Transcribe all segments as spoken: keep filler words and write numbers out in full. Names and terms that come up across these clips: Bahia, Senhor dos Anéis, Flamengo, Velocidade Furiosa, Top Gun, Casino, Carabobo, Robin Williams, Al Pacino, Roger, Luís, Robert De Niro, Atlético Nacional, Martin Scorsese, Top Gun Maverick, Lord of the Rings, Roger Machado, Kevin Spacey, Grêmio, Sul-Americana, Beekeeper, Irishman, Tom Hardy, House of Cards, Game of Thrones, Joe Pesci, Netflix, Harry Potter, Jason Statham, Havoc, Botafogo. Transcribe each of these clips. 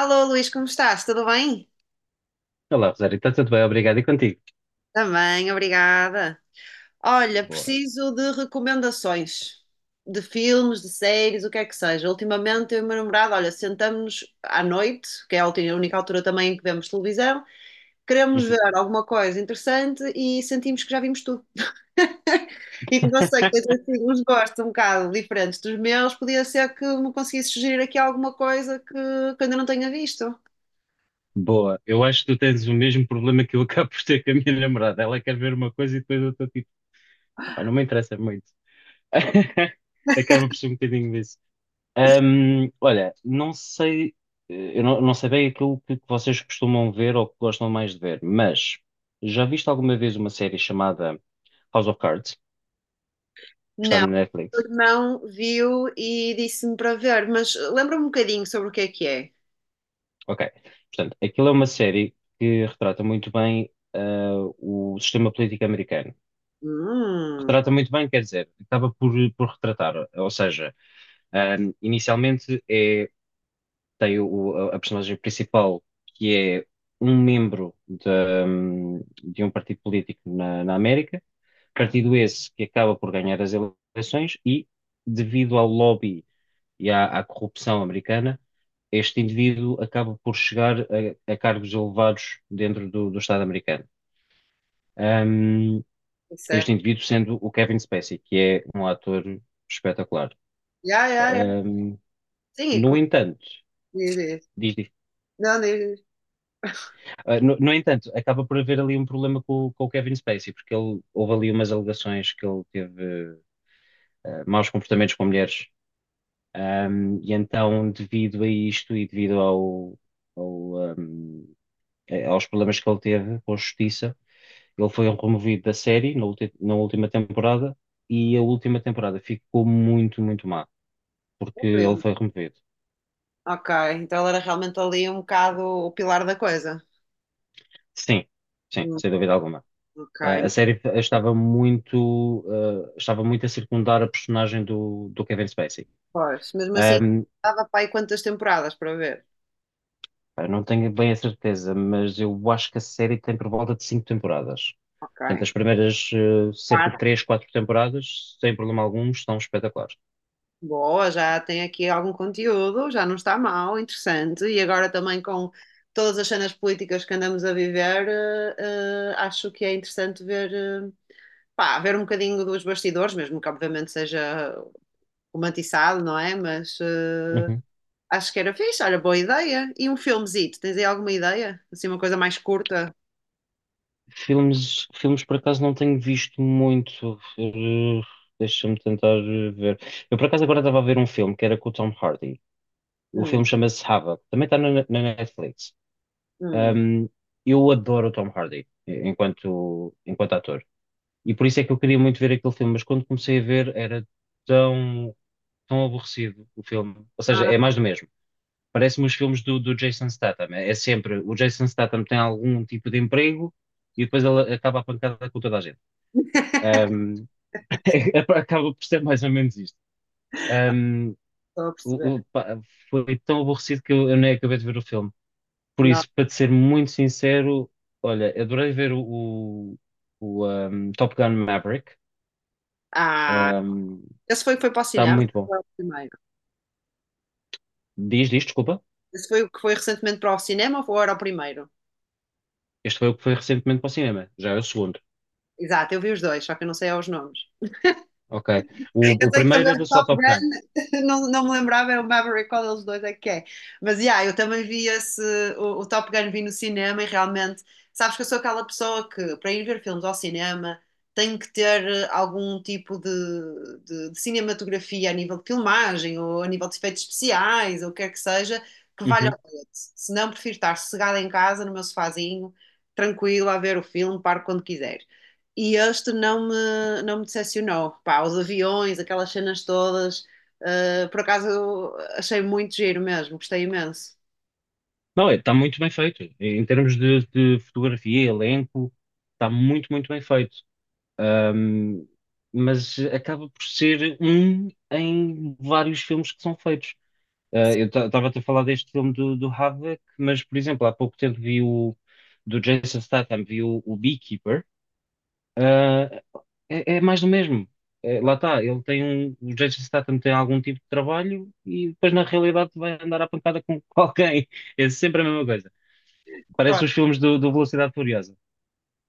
Alô, Luís, como estás? Tudo bem? Olá, Rosário, está tudo bem? Obrigado. E contigo? Também, obrigada. Olha, Boa. preciso de recomendações de filmes, de séries, o que é que seja. Ultimamente, eu e o meu namorado, olha, sentamos-nos à noite, que é a ulti- a única altura também em que vemos televisão, queremos Uhum. ver alguma coisa interessante e sentimos que já vimos tudo. E como eu sei que tens assim uns gostos um bocado diferentes dos meus, podia ser que me conseguisse sugerir aqui alguma coisa que, que ainda não tenha visto. Boa. Eu acho que tu tens o mesmo problema que eu acabo por ter com a minha namorada. Ela quer ver uma coisa e depois eu estou tipo, "Epá, não me interessa muito." Acaba por ser um bocadinho disso. Ahm, olha, não sei, eh, eu não, não sei bem aquilo que que vocês costumam ver ou que gostam mais de ver, mas já viste alguma vez uma série chamada House of Cards, que está Não, na o Netflix? irmão viu e disse-me para ver, mas lembra-me um bocadinho sobre o que é que é. Ok. Portanto, aquilo é uma série que retrata muito bem ah, o sistema político americano. Hum, Retrata muito bem, quer dizer, acaba por, por retratar. Ou seja, ah, inicialmente é, tem o- a, a personagem principal, que é um membro da- de um partido político na, na América, partido esse que acaba por ganhar as eleições e, devido ao lobby e à, à corrupção americana, este indivíduo acaba por chegar a, a cargos elevados dentro do, do Estado americano. Um, isso é. Este indivíduo sendo o Kevin Spacey, que é um ator espetacular. Yeah, yeah, yeah. Um, Sim, e no como entanto, diz isso? diz- diz- Não, diz ah, no, no entanto, acaba por haver ali um problema com, o- com o Kevin Spacey, porque ele, houve ali umas alegações que ele teve ah, maus comportamentos com mulheres. Um, e então, devido a isto e devido ao, ao, um, eh, aos problemas que ele teve com a justiça. Ele foi removido da série na, ulti- na última temporada e a última temporada ficou muito, muito má, porque ele isso. foi removido. Ok, então ele era realmente ali um bocado o pilar da coisa. Sim, sim, Hum. sem dúvida alguma. Ok, Eh, a série f- estava muito, eh, estava muito a circundar a personagem do, do Kevin Spacey. pois, mesmo assim, Ahm, dava para aí quantas temporadas para ver? eu não tenho bem a certeza, mas eu acho que a série tem por volta de cinco temporadas. Ok, Portanto, as primeiras, eh, cerca de quatro. três, quatro temporadas, sem problema algum, estão espetaculares. Boa, já tem aqui algum conteúdo, já não está mal, interessante. E agora também com todas as cenas políticas que andamos a viver, eh, eh, acho que é interessante ver, eh, pá, ver um bocadinho dos bastidores, mesmo que obviamente seja romantizado, não é? Mas eh, Uhum. acho que era fixe, olha, boa ideia. E um filmezito, tens aí alguma ideia? Assim, uma coisa mais curta? Filmes, filmes por acaso não tenho visto muito. Eh, Deixa-me tentar eh, ver. Eu por acaso agora estava a ver um filme que era com o Tom Hardy. O Hum, filme chama-se Havoc. Também está na, na Netflix. hum. Um, eu adoro o Tom Hardy eh, enquanto, enquanto ator. E por isso é que eu queria muito ver aquele filme, mas quando comecei a ver era tão, tão aborrecido o filme. Ou seja, é Ah, mais do mesmo. Parece-me os filmes do, do Jason Statham. É é sempre, o Jason Statham tem algum tipo de emprego e depois ele acaba a pancada com toda a gente. Um, Acaba por ser mais ou menos isto. Um, estou a o- o- perceber. Pá, foi tão aborrecido que eu, eu nem acabei de ver o filme. Por Não. isso, para te ser muito sincero, olha, adorei ver o, o, um, Top Gun Maverick. Ah, Um, esse foi, foi para o Está cinema? muito bom. Foi o primeiro. Diz, diz, desculpa. Esse foi o que foi recentemente para o cinema ou era o primeiro? Este foi o que foi recentemente para o cinema. Já é o segundo. Exato, eu vi os dois, só que eu não sei aos nomes. Ok. Eu O, o sei que também primeiro era o só Top Top Gun. Gun não, não me lembrava, é o Maverick, qual deles dois é que é. Mas, yeah, eu também vi esse, o, o Top Gun vi no cinema e realmente, sabes que eu sou aquela pessoa que, para ir ver filmes ao cinema, tem que ter eh, algum tipo de, de- de cinematografia a nível de filmagem ou a nível de efeitos especiais ou o que quer que seja, que valha Uhum. o bilhete. Se não, prefiro estar sossegada em casa, no meu sofazinho, tranquila, a ver o filme, paro quando quiser. E este não me, não me decepcionou. Pá, os aviões, aquelas cenas todas, Uh, por acaso achei muito giro mesmo, gostei imenso. Não, está muito bem feito. Em termos de, de fotografia, elenco, está muito, muito bem feito. Um, mas acaba por ser um em vários filmes que são feitos. Uh, eu estava a falar deste filme do, do Havoc, mas, por exemplo, há pouco tempo vi o do Jason Statham, vi o, o Beekeeper. Uh, é, É mais do mesmo. É, lá está, ele tem um, o Jason Statham tem algum tipo de trabalho e depois na realidade vai andar à pancada com com alguém. É sempre a mesma coisa. Parece os filmes do, do Velocidade Furiosa.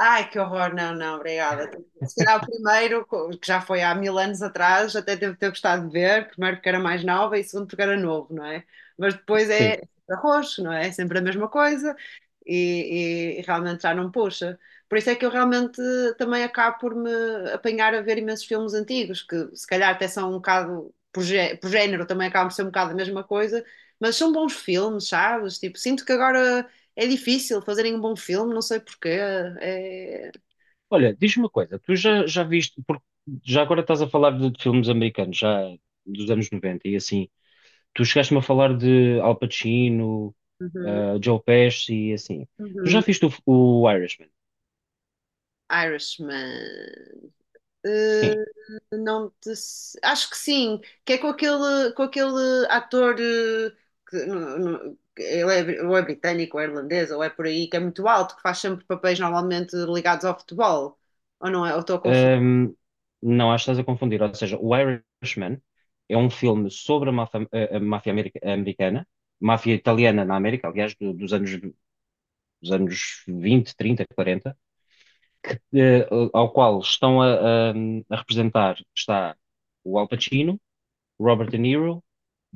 Ai, que horror, não, não, obrigada. Se calhar o primeiro, co- que já foi há mil anos atrás, até devo ter gostado de ver, primeiro porque era mais nova e segundo porque era novo, não é? Mas depois é sempre arroz, não é? É sempre a mesma coisa e, e- e realmente já não puxa. Por isso é que eu realmente também acabo por me apanhar a ver imensos filmes antigos, que se calhar até são um bocado, por, gé- por género, também acabam por ser um bocado a mesma coisa, mas são bons filmes, sabes? Tipo, sinto que agora é difícil fazerem um bom filme, não sei porquê. É. Olha, diz-me uma coisa, tu já, já viste, porque já agora estás a falar de, de filmes americanos, já dos anos noventa e assim, tu chegaste-me a falar de Al Pacino, Uhum, ah, Joe Pesci e assim. Tu já uhum. viste o, o Irishman? Irishman. Sim. Uh, não te... se- Acho que sim, que é com aquele, com aquele ator uh, que não- não- que ele é, bri- ou é britânico, ou é irlandês, ou é por aí, que é muito alto, que faz sempre papéis normalmente ligados ao futebol. Ou não é? Ou estou a confundir. Ahm, não, acho que estás a confundir, ou seja, o Irishman é um filme sobre a máfia, a- a máfia america- americana, máfia italiana na América, aliás, do- dos anos, dos anos vinte, trinta, quarenta, eh, ao qual estão a, a- a representar está o Al Pacino, Robert De Niro,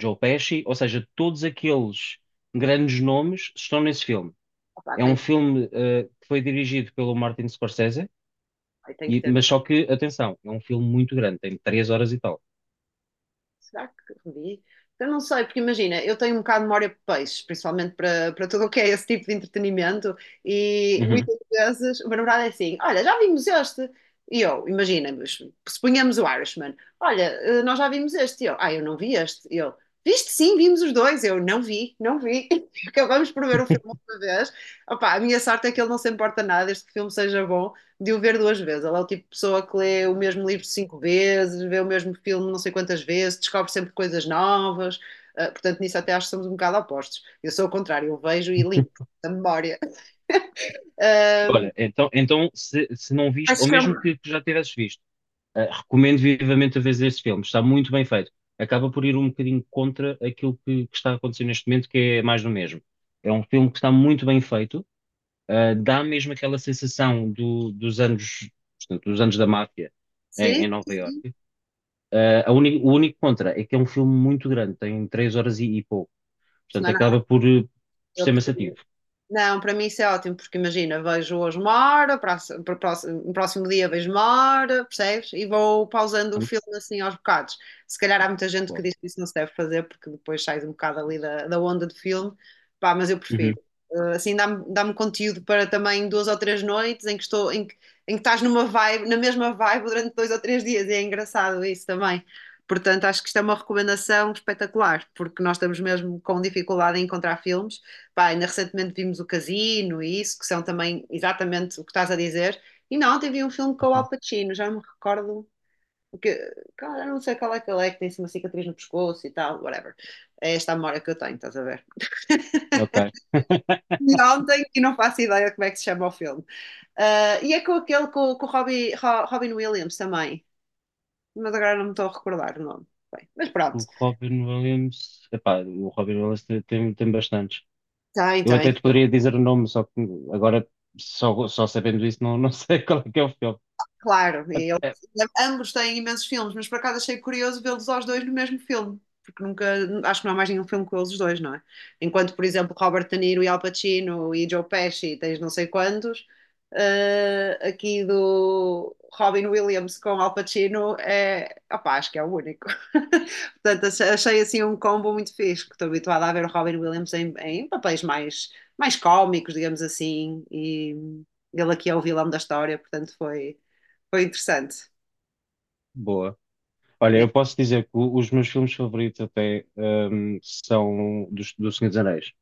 Joe Pesci, ou seja, todos aqueles grandes nomes estão nesse filme. Opa, É tenho, um que- filme, eh, que foi dirigido pelo Martin Scorsese, ai, tenho que e- ter. mas só que, atenção, é um filme muito grande, tem três horas e tal. Será que revi? Eu não sei, porque imagina, eu tenho um bocado de memória de peixe, principalmente para, para tudo o que é esse tipo de entretenimento, e Uhum. muitas vezes o meu namorado é assim: olha, já vimos este. E eu, imagina, mas suponhamos o Irishman: olha, eh, nós já vimos este. E eu, ah, eu não vi este. E eu, viste sim, vimos os dois. Eu, não vi, não vi. Acabamos por ver o filme outra vez. Opa, a minha sorte é que ele não se importa nada, este filme seja bom de o ver duas vezes. Ela é o tipo de pessoa que lê o mesmo livro cinco vezes, vê o mesmo filme não sei quantas vezes, descobre sempre coisas novas. Uh, portanto, nisso até acho que somos um bocado opostos. Eu sou o contrário, eu vejo e limpo da memória. Uh, Olha, então, então se, se não viste, ou mesmo que, que já tivesses visto, uh, recomendo vivamente a ver este filme, está muito bem feito. Acaba por ir um bocadinho contra aquilo que, que está acontecendo neste momento, que é mais do mesmo. É um filme que está muito bem feito, uh, dá mesmo aquela sensação do- dos anos, portanto, dos anos da máfia sim, em, em Nova sim, sim. Iorque. Uh, a uni- o único contra é que é um filme muito grande, tem três horas e, e pouco, Isso portanto não é acaba nada. por, uh, por Eu ser prefiro. maçativo. Não, para mim isso é ótimo, porque imagina, vejo hoje uma hora, próximo, próximo, próximo dia vejo uma hora, percebes? E vou pausando o Portanto, filme assim aos bocados. Se calhar há muita gente que bom. diz que isso não se deve fazer, porque depois sai um bocado ali da, da onda do filme, pá, mas eu Uhum, prefiro. Eh, Assim dá-me dá-me conteúdo para também duas ou três noites em que estou, em que, em que estás numa vibe, na mesma vibe durante dois ou três dias, e é engraçado isso também. Portanto, acho que isto é uma recomendação espetacular, porque nós estamos mesmo com dificuldade em encontrar filmes. Pá, ainda recentemente vimos o Casino e isso, que são também exatamente o que estás a dizer. E não, ontem vi um filme com o Al uhum. Pacino, já não me recordo. Porque, cara, eu não sei qual é que ele é, que tem assim uma cicatriz no pescoço e tal, whatever. É esta a memória que eu tenho, estás a ver? Ok. E ontem, e não faço ideia como é que se chama o filme. Ah, e é com aquele, com, com o Robbie, Ro- Robin Williams também, mas agora não me estou a recordar o nome. Bem, mas O pronto, Robin Williams, epá, o Robin Williams tem, tem, tem bastantes. tem, Eu tem, até te poderia dizer o nome, só que agora, só, só sabendo isso, não, não sei qual é que é o filme. claro, É- e eles- É ambos têm imensos filmes, mas por acaso achei curioso vê-los aos dois no mesmo filme, porque nunca, acho que não há mais nenhum filme com eles os dois, não é? Enquanto, por exemplo, Robert De Niro e Al Pacino e Joe Pesci, tens não sei quantos, eh, aqui do Robin Williams com Al Pacino é, opá, acho que é o único. Portanto, achei, achei, assim um combo muito fixe, que estou habituada a ver o Robin Williams em, em papéis mais, mais cómicos, digamos assim, e ele aqui é o vilão da história, portanto foi foi interessante. boa. Olha, É. eu posso dizer que o- os meus filmes favoritos até hum, são dos, do Senhor dos Anéis.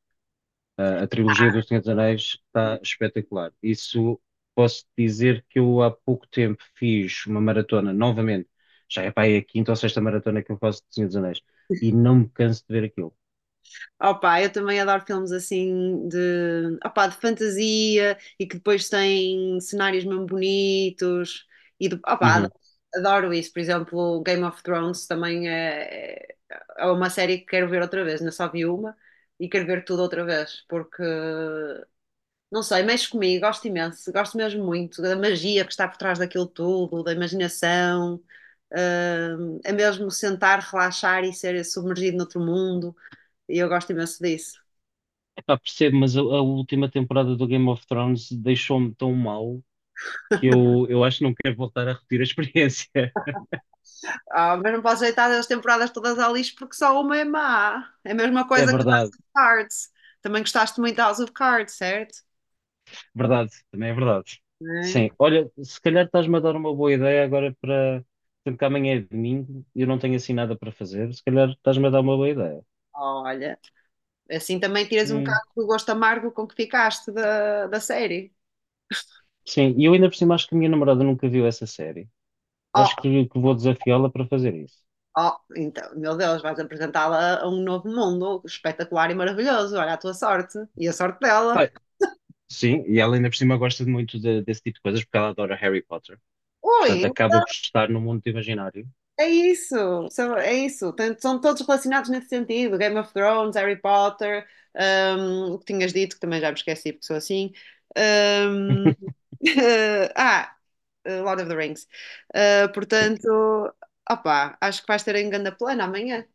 A, a trilogia do Senhor dos Anéis está espetacular. Isso posso dizer que eu há pouco tempo fiz uma maratona, novamente, já é pá, é a quinta ou sexta maratona que eu faço do Senhor dos Anéis, e não me canso de ver aquilo. Opa, eu também adoro filmes assim de, opa, de fantasia e que depois têm cenários mesmo bonitos e de, opa, adoro, Uhum. adoro isso. Por exemplo, Game of Thrones também é, é é uma série que quero ver outra vez, não só vi uma e quero ver tudo outra vez porque não sei, mexe comigo, gosto imenso, gosto mesmo muito da magia que está por trás daquilo tudo, da imaginação, hum, é mesmo sentar, relaxar e ser submergido noutro mundo, e eu gosto imenso disso. Epá, percebo, mas a, a última temporada do Game of Thrones deixou-me tão mal que eu, eu acho que não quero voltar a repetir a experiência. Ah, mas não posso deitar as temporadas todas ao lixo porque só uma é má. É a mesma É coisa que House verdade, of Cards. Também gostaste muito de House of Cards, certo? verdade, também é verdade. Né? Sim, olha, se calhar estás-me a dar uma boa ideia agora para. Sendo que amanhã é domingo e eu não tenho assim nada para fazer, se calhar estás-me a dar uma boa ideia. Olha, assim também tiras um Hum. bocado do gosto amargo com que ficaste da, da série. Sim, e eu ainda por cima acho que a minha namorada nunca viu essa série. Oh. Acho que, que vou desafiá-la para fazer isso. Oh, então, meu Deus, vais apresentá-la a um novo mundo espetacular e maravilhoso. Olha a tua sorte e a sorte dela. Ah, sim, e ela ainda por cima gosta de muito de- desse tipo de coisas porque ela adora Harry Potter. Portanto, Ui, acaba por estar no mundo imaginário. é isso, são- é isso. Tem- São todos relacionados nesse sentido: Game of Thrones, Harry Potter, hum, o que tinhas dito, que também já me esqueci porque sou assim. Hum. ah, Lord of the Rings. Ah, Sim, portanto, opá, acho que vais ter um grande plano amanhã.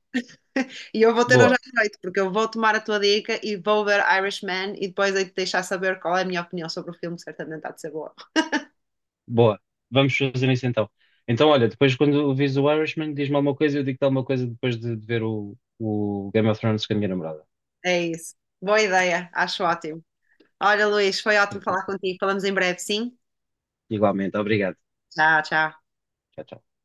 E eu vou ter hoje boa. à noite, porque eu vou tomar a tua dica e vou ver Irishman e depois aí te deixar saber qual é a minha opinião sobre o filme, que certamente há de ser boa. Boa, vamos fazer isso então. Então, olha, depois quando vês o Irishman, diz-me alguma coisa, e eu digo-te alguma coisa depois de, de ver o, o Game of Thrones com a minha namorada. É isso. Boa ideia, acho Bom, ótimo. Olha, Luís, foi ótimo falar certeza. contigo. Falamos em breve, sim? Igualmente, obrigado. Tchau, tchau. Tchau, tchau.